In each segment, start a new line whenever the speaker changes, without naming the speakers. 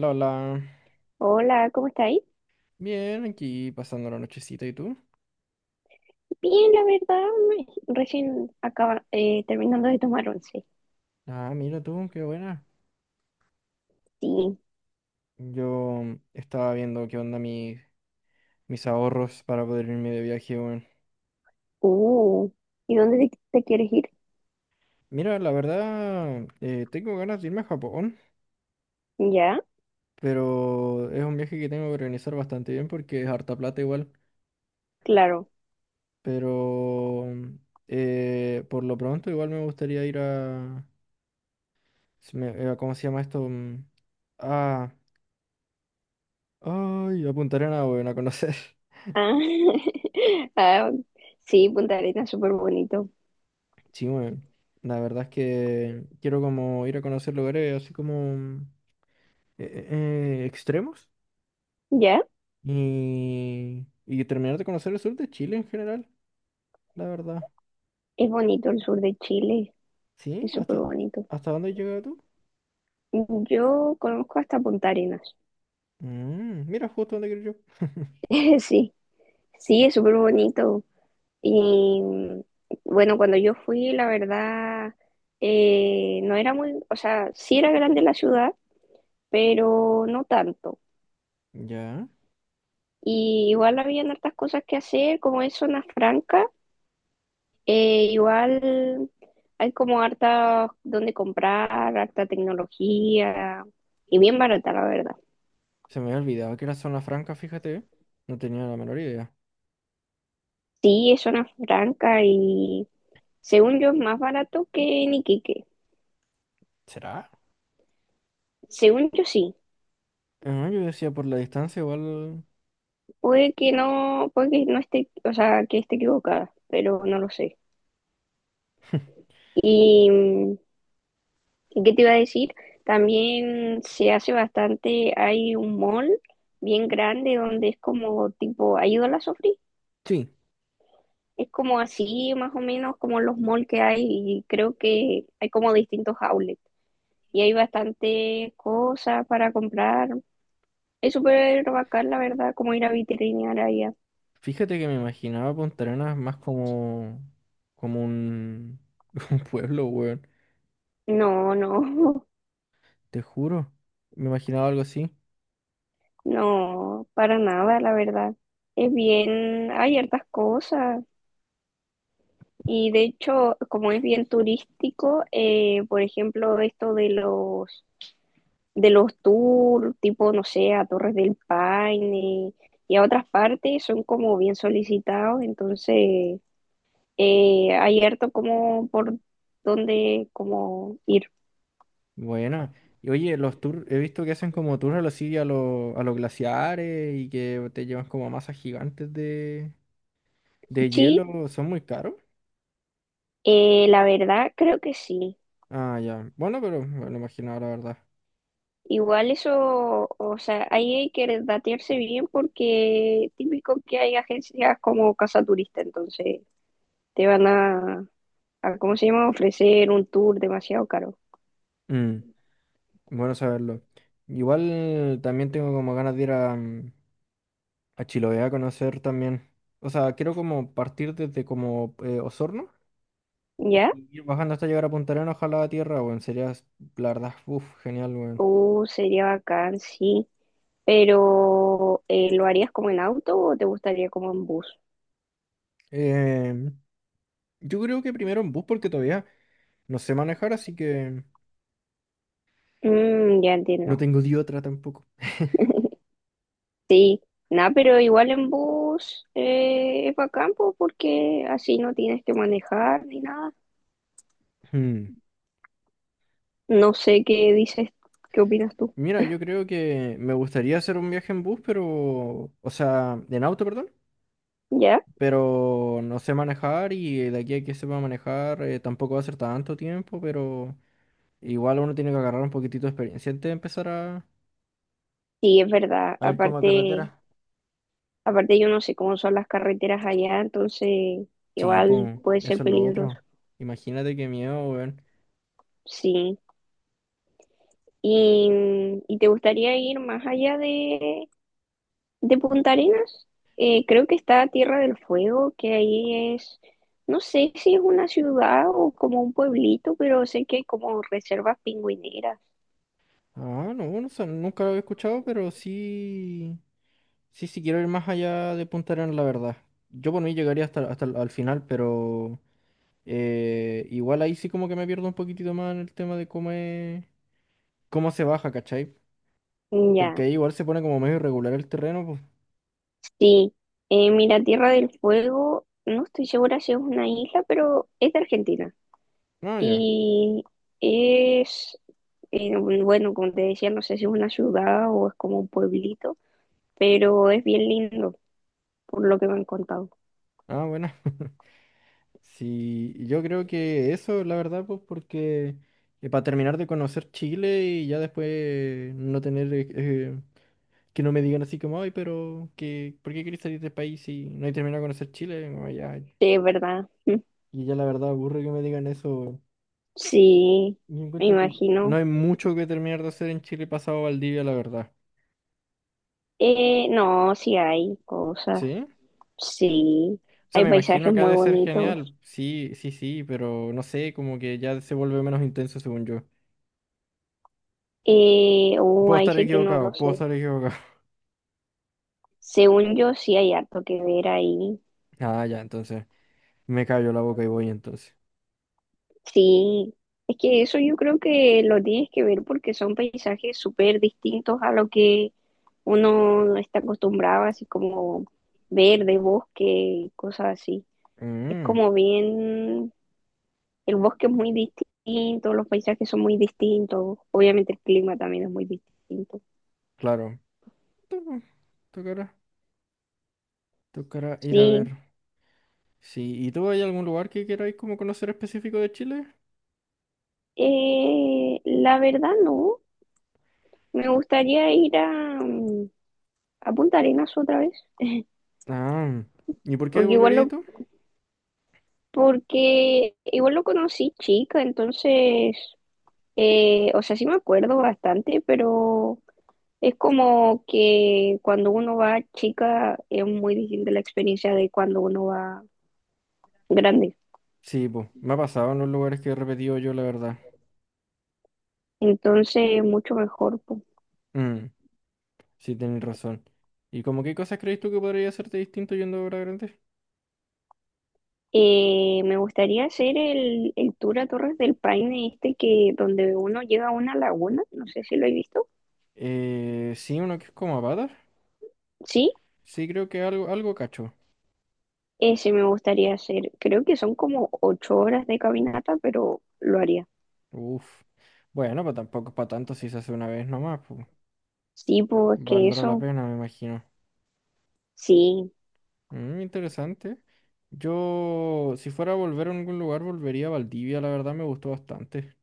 Lola,
Hola, ¿cómo estáis?
bien, aquí pasando la nochecita, ¿y tú?
Bien, la verdad, recién acaba, terminando de tomar once.
Ah, mira tú, qué buena.
Sí.
Yo estaba viendo qué onda mis ahorros para poder irme de viaje, weón.
Uh, ¿Y dónde te quieres ir?
Mira, la verdad, tengo ganas de irme a Japón,
¿Ya?
pero es un viaje que tengo que organizar bastante bien porque es harta plata igual.
Claro.
Pero por lo pronto igual me gustaría ir a... ¿Cómo se llama esto? Mm, ah, ay, a Punta Arenas, weón, a conocer.
Ah, ah, sí, Punta Arenas, súper bonito.
Sí, weón. La verdad es que quiero como ir a conocer lugares así como eh, extremos
¿Ya?
y terminar de conocer el sur de Chile en general, la verdad.
Es bonito el sur de Chile,
¿Sí?
es súper bonito.
Hasta dónde has llegado tú?
Yo conozco hasta Punta Arenas.
Mm, mira, justo donde quiero yo.
Sí, sí, es súper bonito. Y mm, bueno, cuando yo fui, la verdad, no era muy, o sea, sí era grande la ciudad, pero no tanto.
Ya.
Y igual habían hartas cosas que hacer, como es zona franca, igual hay como harta donde comprar, harta tecnología, y bien barata, la verdad.
Se me había olvidado que era zona franca, fíjate. No tenía la menor idea.
Sí, es zona franca y según yo es más barato que en Iquique.
¿Será?
Según yo sí.
Ah, yo decía por la distancia igual...
Puede que no esté, o sea, que esté equivocada, pero no lo sé. Y mm, ¿y qué te iba a decir? También se hace bastante, hay un mall bien grande donde es como tipo, ¿ha ido a la Sofri?
Sí.
Es como así, más o menos, como los malls que hay y creo que hay como distintos outlets y hay bastantes cosas para comprar. Es súper bacán, la verdad, como ir a vitrinear allá.
Fíjate que me imaginaba Punta Arenas más como, como un, un pueblo, weón.
No, no,
Te juro. Me imaginaba algo así.
no, para nada, la verdad. Es bien, hay hartas cosas. Y de hecho, como es bien turístico, por ejemplo, esto de los tours, tipo, no sé, a Torres del Paine y a otras partes, son como bien solicitados, entonces hay harto como por dónde como ir.
Bueno. Y oye, los tours, he visto que hacen como tours a los, sí, a los glaciares y que te llevan como a masas gigantes de
Sí,
hielo. ¿Son muy caros?
la verdad creo que sí.
Ah, ya. Bueno, pero me lo imaginaba, la verdad.
Igual eso, o sea, ahí hay que datearse bien porque típico que hay agencias como Casa Turista, entonces te van a ¿cómo se llama? Ofrecer un tour demasiado caro.
Mm, bueno saberlo. Igual también tengo como ganas de ir a, mm, a Chile voy a conocer también. O sea, quiero como partir desde como Osorno
¿Ya?
y ir bajando hasta llegar a Punta Arenas, ojalá a tierra, weón. La verdad, uff, genial, weón.
Sería bacán, sí. Pero, ¿lo harías como en auto o te gustaría como en bus?
Eh, yo creo que primero en bus porque todavía no sé manejar, así que
Mm, ya
no
entiendo.
tengo de otra tampoco.
Sí. Nada, pero igual en bus es bacán po, porque así no tienes que manejar ni nada.
Hmm.
No sé qué dices, qué opinas tú.
Mira, yo creo que me gustaría hacer un viaje en bus, pero, o sea, en auto, perdón,
¿Ya?
pero no sé manejar y de aquí a que sepa manejar tampoco va a ser tanto tiempo, pero... Igual uno tiene que agarrar un poquitito de experiencia antes de empezar
Sí, es verdad.
a ir como a
Aparte,
carretera.
aparte yo no sé cómo son las carreteras allá, entonces
Sí,
igual
pum,
puede ser
eso es lo
peligroso.
otro. Imagínate qué miedo, weón.
Sí. ¿Y, ¿y te gustaría ir más allá de Punta Arenas? Creo que está Tierra del Fuego, que ahí es, no sé si es una ciudad o como un pueblito, pero sé que hay como reservas pingüineras.
Ah, no, no sé, nunca lo había escuchado, pero sí, sí, sí quiero ir más allá de Punta Arenas, la verdad. Yo por mí llegaría hasta el al final, pero igual ahí sí como que me pierdo un poquitito más en el tema de cómo es, cómo se baja, ¿cachai?
Mm,
Porque
ya,
ahí igual se pone como medio irregular el terreno, pues.
sí. Mira, Tierra del Fuego, no estoy segura si es una isla, pero es de Argentina.
No, ya.
Y es, bueno, como te decía, no sé si es una ciudad o es como un pueblito, pero es bien lindo, por lo que me han contado.
Ah, bueno. Sí, yo creo que eso, la verdad, pues porque para terminar de conocer Chile y ya después no tener que no me digan así como, ay, pero que, ¿por qué querés salir del país si no he terminado de conocer Chile? Como, ya,
Sí, es verdad.
y ya la verdad aburre que me digan eso.
Sí,
Yo
me
encuentro que no
imagino.
hay mucho que terminar de hacer en Chile pasado Valdivia, la verdad.
No, sí hay cosas.
¿Sí?
Sí,
O sea,
hay
me
paisajes
imagino que ha
muy
de ser
bonitos.
genial. Sí, sí, sí, pero no sé, como que ya se vuelve menos intenso según yo. Puedo
Ahí
estar
sí que no lo
equivocado, puedo
sé.
estar equivocado.
Según yo, sí hay harto que ver ahí.
Ah, ya, entonces. Me cayó la boca y voy entonces.
Sí, es que eso yo creo que lo tienes que ver porque son paisajes súper distintos a lo que uno está acostumbrado, así como verde, bosque, cosas así. Es
Mm,
como bien. El bosque es muy distinto, los paisajes son muy distintos, obviamente el clima también es muy distinto.
claro. Tu- Tocará, tocará ir a ver.
Sí,
Sí, ¿y tú hay algún lugar que queráis como conocer específico de Chile?
la verdad no, me gustaría ir a, mm, a Punta Arenas otra vez,
Ah, ¿y por qué
porque igual
volverías
lo,
tú?
porque igual lo conocí chica, entonces, o sea, sí me acuerdo bastante, pero es como que cuando uno va chica es muy distinta la experiencia de cuando uno va grande,
Sí, pues, me ha pasado en los lugares que he repetido yo, la verdad.
entonces mucho mejor po.
Mm, sí, tenéis razón. ¿Y como qué cosas crees tú que podría hacerte distinto yendo a obra grande?
Me gustaría hacer el tour a Torres del Paine este que donde uno llega a una laguna, no sé si lo he visto.
Sí, uno que es como patas.
Sí,
Sí, creo que algo, algo cacho.
ese me gustaría hacer. Creo que son como 8 horas de caminata, pero lo haría.
Uf. Bueno, pues tampoco es para tanto si se hace una vez nomás, pues.
Sí, pues que
Valdrá la
eso,
pena, me imagino.
sí.
Mm, interesante. Yo, si fuera a volver a algún lugar, volvería a Valdivia, la verdad me gustó bastante.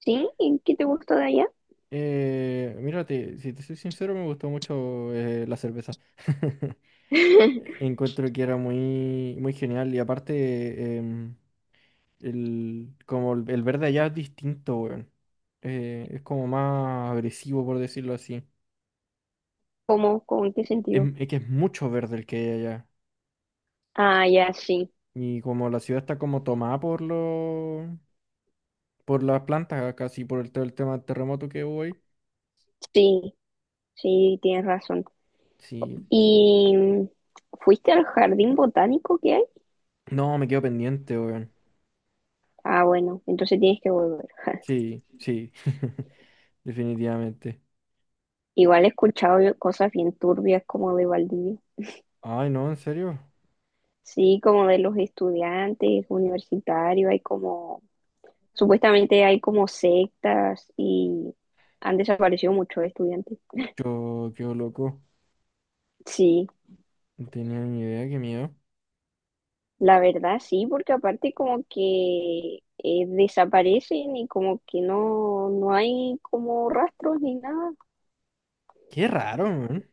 ¿Sí? ¿Y qué te gustó de allá?
Mírate, si te soy sincero, me gustó mucho la cerveza. Encuentro que era muy, muy genial y aparte, el, como el verde allá es distinto, weón. Es como más agresivo, por decirlo así.
¿Cómo, con en qué sentido?
Es, que es mucho verde el que hay allá.
Ah, ya, sí,
Y como la ciudad está como tomada por los por las plantas, casi por el, todo el tema del terremoto que hubo ahí.
sí, sí, tienes razón.
Sí.
¿Y mm, fuiste al jardín botánico que hay?
No, me quedo pendiente, weón.
Ah, bueno, entonces tienes que volver.
Sí, sí. Definitivamente.
Igual he escuchado yo cosas bien turbias como de Valdivia.
Ay, no, en serio.
Sí, como de los estudiantes universitarios, hay como, supuestamente hay como sectas y han desaparecido muchos estudiantes.
Yo quedo loco.
Sí,
No tenía ni idea, qué miedo.
la verdad sí, porque aparte como que desaparecen y como que no, no hay como rastros ni nada.
Qué raro, weón.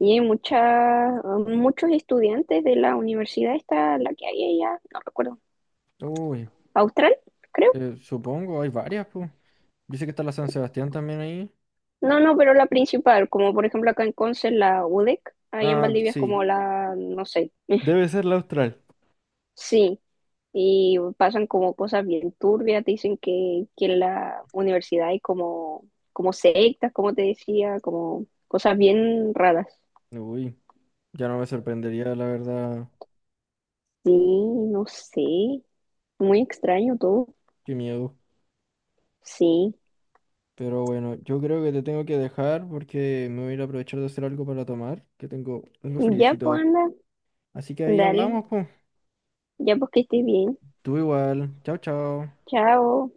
Y hay muchas, muchos estudiantes de la universidad esta, la que hay allá, no recuerdo,
Uy,
Austral, creo.
supongo, hay varias, pues. Dice que está la San Sebastián también ahí.
No, no, pero la principal, como por ejemplo acá en Conce, la UDEC, ahí en
Ah,
Valdivia es
sí.
como la, no sé,
Debe ser la Austral.
sí, y pasan como cosas bien turbias, te dicen que en la universidad hay como, como sectas, como te decía, como cosas bien raras.
Uy, ya no me sorprendería, la verdad.
Sí, no sé, muy extraño todo,
Qué miedo.
sí.
Pero bueno, yo creo que te tengo que dejar porque me voy a ir a aprovechar de hacer algo para tomar, que tengo algo
Ya pues
friecito.
anda,
Así que ahí
dale,
hablamos, pues.
ya pues que estés bien,
Tú igual. Chao, chao.
chao.